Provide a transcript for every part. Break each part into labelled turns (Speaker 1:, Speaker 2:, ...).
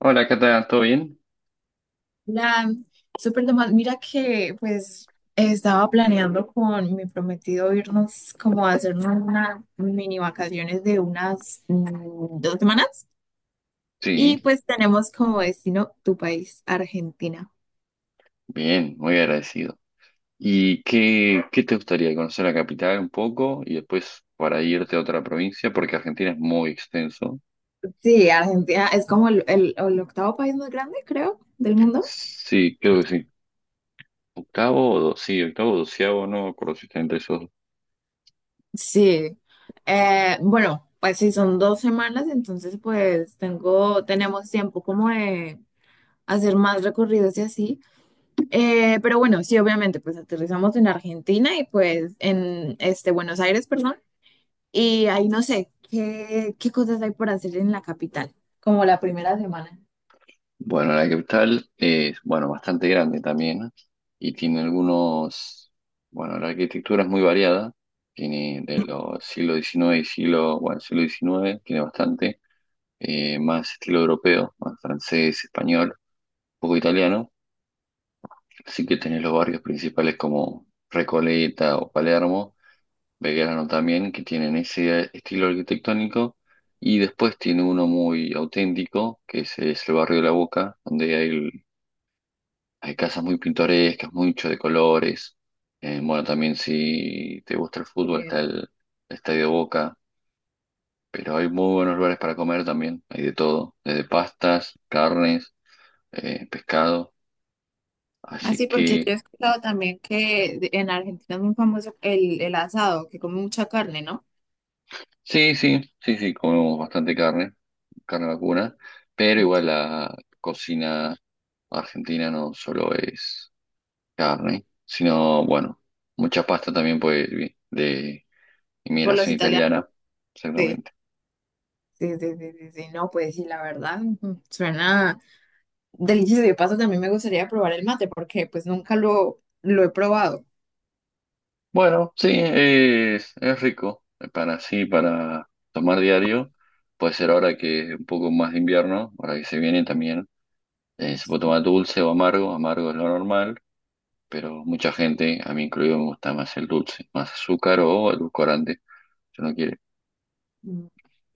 Speaker 1: Hola, ¿qué tal? ¿Todo bien?
Speaker 2: La súper normal mira que pues estaba planeando con mi prometido irnos como a hacernos unas mini vacaciones de unas dos semanas
Speaker 1: Sí,
Speaker 2: y pues tenemos como destino tu país, Argentina.
Speaker 1: bien, muy agradecido. ¿Y qué te gustaría conocer la capital un poco y después para irte a otra provincia? Porque Argentina es muy extenso.
Speaker 2: Sí, Argentina es como el octavo país más grande, creo, del mundo.
Speaker 1: Sí, creo que sí. Octavo, sí, octavo, o doceavo, no me acuerdo si está entre esos dos.
Speaker 2: Sí, bueno, pues si son dos semanas, entonces pues tenemos tiempo como de hacer más recorridos y así. Pero bueno, sí, obviamente, pues aterrizamos en Argentina y pues en este Buenos Aires, perdón, y ahí no sé qué cosas hay por hacer en la capital, como la primera semana.
Speaker 1: Bueno, la capital es, bueno, bastante grande también y tiene algunos, bueno, la arquitectura es muy variada. Tiene de los siglo XIX y siglo, bueno, siglo XIX, tiene bastante. Más estilo europeo, más francés, español, un poco italiano. Así que tenés los barrios principales como Recoleta o Palermo, Belgrano también, que tienen ese estilo arquitectónico. Y después tiene uno muy auténtico, que es el barrio de La Boca, donde hay casas muy pintorescas, mucho de colores. Bueno, también si te gusta el fútbol,
Speaker 2: Eh,
Speaker 1: está el Estadio Boca. Pero hay muy buenos lugares para comer también, hay de todo, desde pastas, carnes, pescado. Así
Speaker 2: Así, porque
Speaker 1: que
Speaker 2: yo he escuchado también que en Argentina es muy famoso el asado, que come mucha carne, ¿no?
Speaker 1: sí, sí, sí, sí, comemos bastante carne, carne vacuna, pero igual la cocina argentina no solo es carne, sino, bueno, mucha pasta también pues de
Speaker 2: Por los
Speaker 1: inmigración
Speaker 2: italianos.
Speaker 1: italiana, exactamente.
Speaker 2: Sí, sí, sí, sí, sí, no, pues sí, la verdad, ujú, suena delicioso. De paso, también me gustaría probar el mate porque pues nunca lo he probado.
Speaker 1: Bueno, sí, es rico para sí, para tomar diario. Puede ser ahora que es un poco más de invierno, ahora que se viene también. Se puede tomar dulce o amargo, amargo es lo normal, pero mucha gente, a mí incluido, me gusta más el dulce, más azúcar o edulcorante, si no quiere.
Speaker 2: Mm.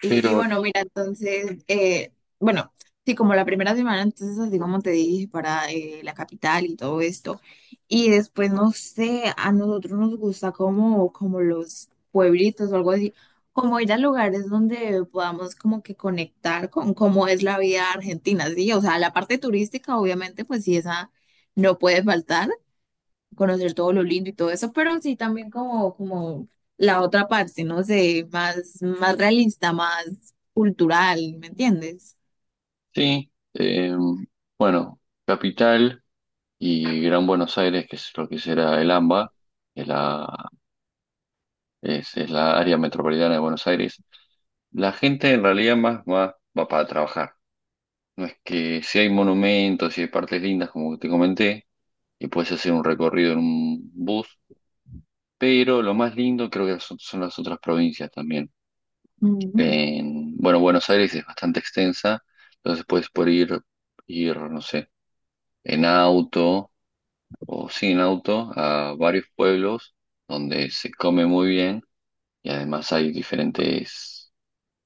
Speaker 2: Y
Speaker 1: Pero
Speaker 2: bueno, mira, entonces, bueno, sí, como la primera semana, entonces, así como te dije, para la capital y todo esto. Y después, no sé, a nosotros nos gusta como los pueblitos o algo así, como ir a lugares donde podamos como que conectar con cómo es la vida argentina, ¿sí? O sea, la parte turística, obviamente, pues sí, esa no puede faltar conocer todo lo lindo y todo eso, pero sí también como, como la otra parte, no sé, más realista, más cultural, ¿me entiendes?
Speaker 1: sí, bueno, Capital y Gran Buenos Aires, que es lo que será el AMBA, es la, es la área metropolitana de Buenos Aires. La gente en realidad más va, va para trabajar. No es que si hay monumentos, si hay partes lindas, como te comenté, y puedes hacer un recorrido en un bus, pero lo más lindo creo que son las otras provincias también.
Speaker 2: Ujú.
Speaker 1: En, bueno, Buenos Aires es bastante extensa, entonces puedes ir, no sé, en auto o sin auto a varios pueblos donde se come muy bien y además hay diferentes.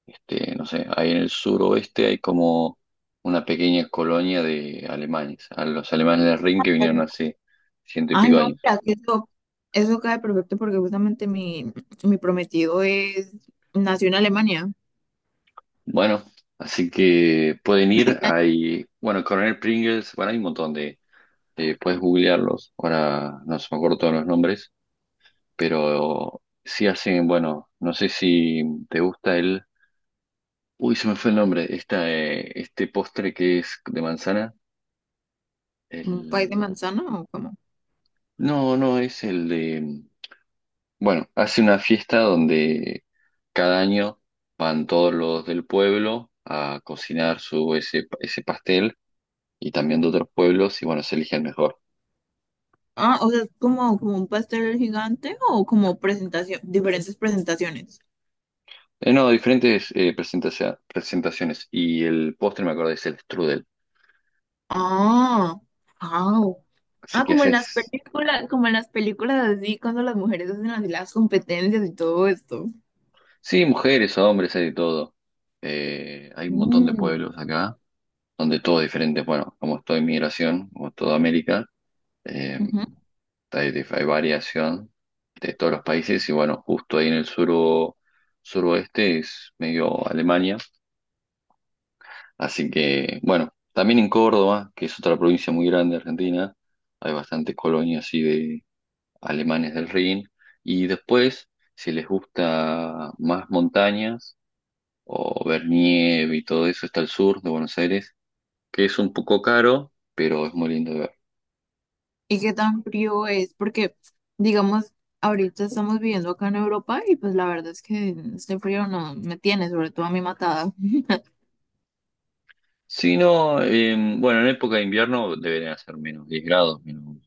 Speaker 1: Este, no sé, ahí en el suroeste hay como una pequeña colonia de alemanes, a los alemanes del Rin que vinieron
Speaker 2: Claro.
Speaker 1: hace ciento y
Speaker 2: Ay,
Speaker 1: pico
Speaker 2: no,
Speaker 1: años.
Speaker 2: mira, que eso cae perfecto porque justamente mi prometido es, nació en Alemania,
Speaker 1: Bueno, así que pueden ir, hay, bueno, Coronel Pringles, bueno, hay un montón de puedes googlearlos, ahora no se me acuerdo todos los nombres, pero sí hacen, bueno, no sé si te gusta el, uy, se me fue el nombre, esta, este postre que es de manzana,
Speaker 2: un país de
Speaker 1: el,
Speaker 2: manzana o como,
Speaker 1: no, no, es el de... Bueno, hace una fiesta donde cada año van todos los del pueblo a cocinar ese ese pastel y también de otros pueblos y bueno, se elige el mejor.
Speaker 2: ah, o sea, es como, como un pastel gigante o como presentación, diferentes presentaciones.
Speaker 1: No, diferentes presentaciones y el postre me acordé es el strudel.
Speaker 2: Ah, ah,
Speaker 1: Así
Speaker 2: ah,
Speaker 1: que
Speaker 2: como en las
Speaker 1: haces,
Speaker 2: películas, como en las películas así, cuando las mujeres hacen así las competencias y todo esto.
Speaker 1: sí, mujeres, hombres, hay de todo. Hay un montón de
Speaker 2: Mm,
Speaker 1: pueblos acá donde todo es diferente. Bueno, como es toda inmigración, como es toda América. eh,
Speaker 2: ujú.
Speaker 1: Hay, hay variación de todos los países y bueno, justo ahí en el sur, suroeste es medio Alemania, así que bueno, también en Córdoba, que es otra provincia muy grande de Argentina, hay bastantes colonias así de alemanes del Rin y después, si les gusta más montañas o ver nieve y todo eso, está el sur de Buenos Aires, que es un poco caro, pero es muy lindo de ver.
Speaker 2: ¿Y qué tan frío es? Porque, digamos, ahorita estamos viviendo acá en Europa y pues la verdad es que este frío no me tiene, sobre todo a mí matada.
Speaker 1: Si no, bueno, en época de invierno deberían hacer -10 grados, menos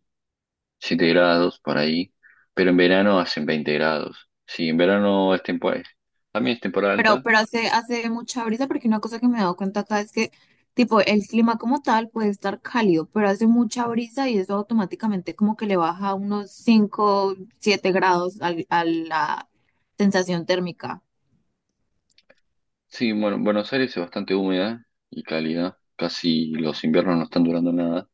Speaker 1: siete grados por ahí, pero en verano hacen 20 grados. Sí, en verano es temporada, también es temporada
Speaker 2: Pero,
Speaker 1: alta.
Speaker 2: pero hace mucha brisa, porque una cosa que me he dado cuenta acá es que, tipo, el clima como tal puede estar cálido, pero hace mucha brisa y eso automáticamente como que le baja unos 5 7 grados a la sensación térmica.
Speaker 1: Sí, bueno, Buenos Aires es bastante húmeda y cálida, casi los inviernos no están durando nada.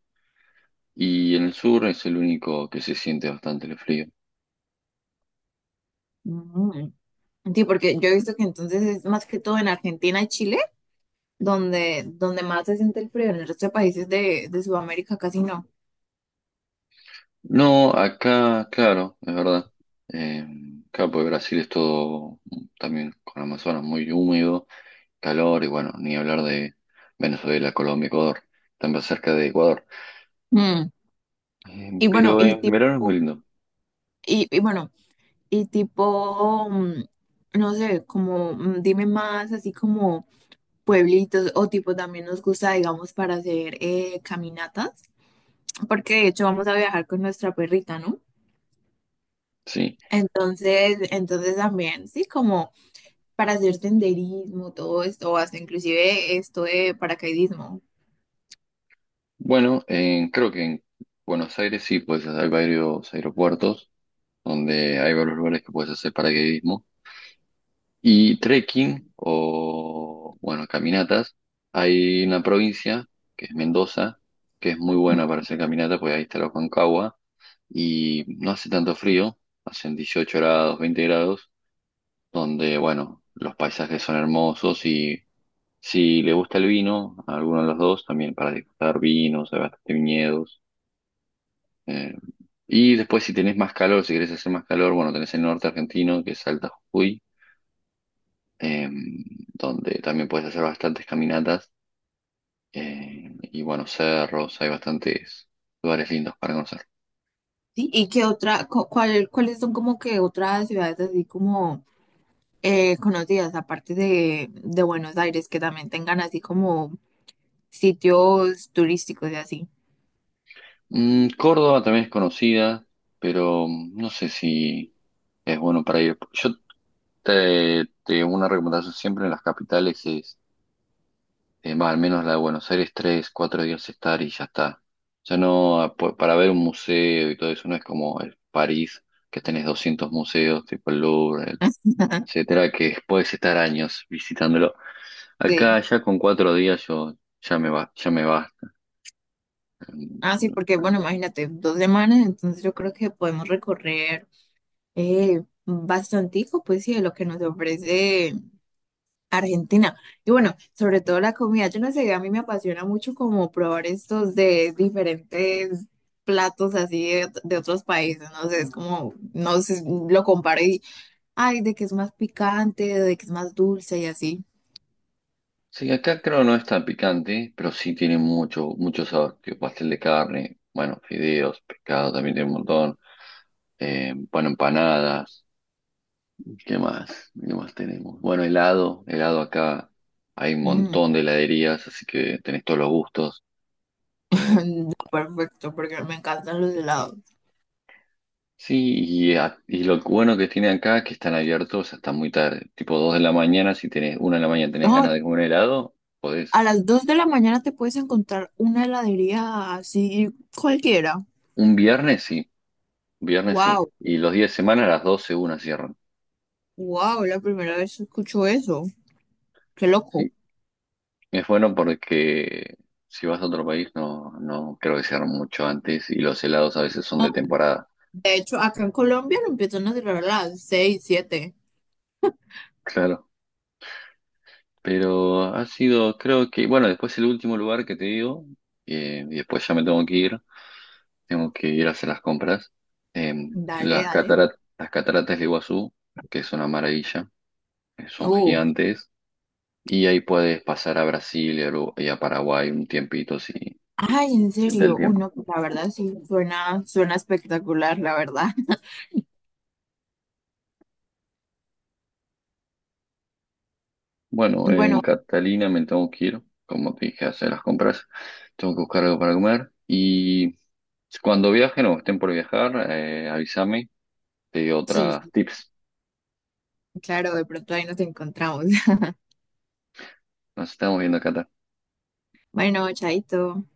Speaker 1: Y en el sur es el único que se siente bastante el frío.
Speaker 2: Mm. Sí, porque yo he visto que entonces es más que todo en Argentina y Chile, donde más se siente el frío, en el resto de países de Sudamérica casi no.
Speaker 1: No, acá, claro, es verdad. Eh, claro, porque Brasil es todo también con Amazonas muy húmedo, calor y bueno, ni hablar de Venezuela, Colombia, Ecuador, también cerca de Ecuador.
Speaker 2: Mm. Y bueno,
Speaker 1: Pero
Speaker 2: y
Speaker 1: en
Speaker 2: tipo,
Speaker 1: verano es muy lindo.
Speaker 2: y bueno, y tipo, no sé, como dime más, así como pueblitos o tipo también nos gusta, digamos, para hacer caminatas, porque de hecho vamos a viajar con nuestra perrita, ¿no?
Speaker 1: Sí,
Speaker 2: Entonces también, sí, como para hacer senderismo, todo esto, o hasta inclusive esto de paracaidismo.
Speaker 1: bueno, creo que en Buenos Aires sí, pues hay varios aeropuertos donde hay varios lugares que puedes hacer paracaidismo. Y trekking o, bueno, caminatas. Hay una provincia que es Mendoza, que es muy buena para hacer caminata, porque ahí está la Concagua y no hace tanto frío, hacen 18 grados, 20 grados, donde, bueno, los paisajes son hermosos. Si le gusta el vino, a alguno de los dos, también para disfrutar vinos, hay bastante viñedos. eh, y después si tenés más calor, si querés hacer más calor, bueno, tenés el norte argentino, que es Salta Jujuy, eh, donde también puedes hacer bastantes caminatas. Y bueno, cerros, hay bastantes lugares lindos para conocer.
Speaker 2: Sí, ¿y qué otra, cuáles son como que otras ciudades así como conocidas, aparte de Buenos Aires, que también tengan así como sitios turísticos y así?
Speaker 1: Mm, Córdoba también es conocida, pero mm, no sé si es bueno para ir. Yo una recomendación siempre en las capitales es. Va, al menos la de Buenos Aires, tres, cuatro días estar y ya está. Ya no, ah, para ver un museo y todo eso, no es como el París, que tenés 200 museos, tipo el Louvre, etcétera, que puedes estar años visitándolo.
Speaker 2: Sí.
Speaker 1: Acá ya con cuatro días yo ya me va, ya me basta. No
Speaker 2: Ah, sí,
Speaker 1: no,
Speaker 2: porque
Speaker 1: no.
Speaker 2: bueno, imagínate, dos semanas, entonces yo creo que podemos recorrer bastantico, pues sí, de lo que nos ofrece Argentina. Y bueno, sobre todo la comida, yo no sé, a mí me apasiona mucho como probar estos de diferentes platos así de otros países, no sé, es como, no sé, lo comparo y, ay, de que es más picante, de que es más dulce y así.
Speaker 1: Sí, acá creo no es tan picante, pero sí tiene mucho sabor, tipo pastel de carne, bueno, fideos, pescado también tiene un montón, bueno, empanadas. ¿Qué más? ¿Qué más tenemos? Bueno, helado, helado acá. Hay un
Speaker 2: Mm.
Speaker 1: montón de heladerías, así que tenés todos los gustos. Eh,
Speaker 2: No, perfecto, porque me encantan los helados.
Speaker 1: sí, y, y lo bueno que tiene acá es que están abiertos hasta muy tarde, tipo 2 de la mañana. Si tenés una de la mañana tenés
Speaker 2: No,
Speaker 1: ganas de comer helado, podés.
Speaker 2: a las 2 de la mañana te puedes encontrar una heladería así cualquiera.
Speaker 1: Un viernes sí, viernes sí.
Speaker 2: Wow,
Speaker 1: Y los días de semana a las 12 una cierran.
Speaker 2: wow, la primera vez que escucho eso. Qué loco.
Speaker 1: Sí, es bueno porque si vas a otro país no creo que cierran mucho antes y los helados a veces son de temporada.
Speaker 2: De hecho, acá en Colombia lo empiezan a cerrar a las 6, 7.
Speaker 1: Claro. Pero ha sido, creo que, bueno, después el último lugar que te digo, y después ya me tengo que ir a hacer las compras. eh,
Speaker 2: Dale,
Speaker 1: las
Speaker 2: dale.
Speaker 1: cataratas, las cataratas de Iguazú, que es una maravilla, son
Speaker 2: Uh,
Speaker 1: gigantes, y ahí puedes pasar a Brasil y a, y a Paraguay un tiempito si
Speaker 2: ay, en
Speaker 1: está el
Speaker 2: serio.
Speaker 1: tiempo.
Speaker 2: Uno, la verdad sí, suena espectacular, la verdad.
Speaker 1: Bueno, en
Speaker 2: Bueno,
Speaker 1: Catalina me tengo que ir, como te dije, a hacer las compras, tengo que buscar algo para comer, y cuando viajen o estén por viajar, avísame, te doy
Speaker 2: sí,
Speaker 1: otras tips.
Speaker 2: claro, de pronto ahí nos encontramos.
Speaker 1: Nos estamos viendo, Cata.
Speaker 2: Bueno, chaito.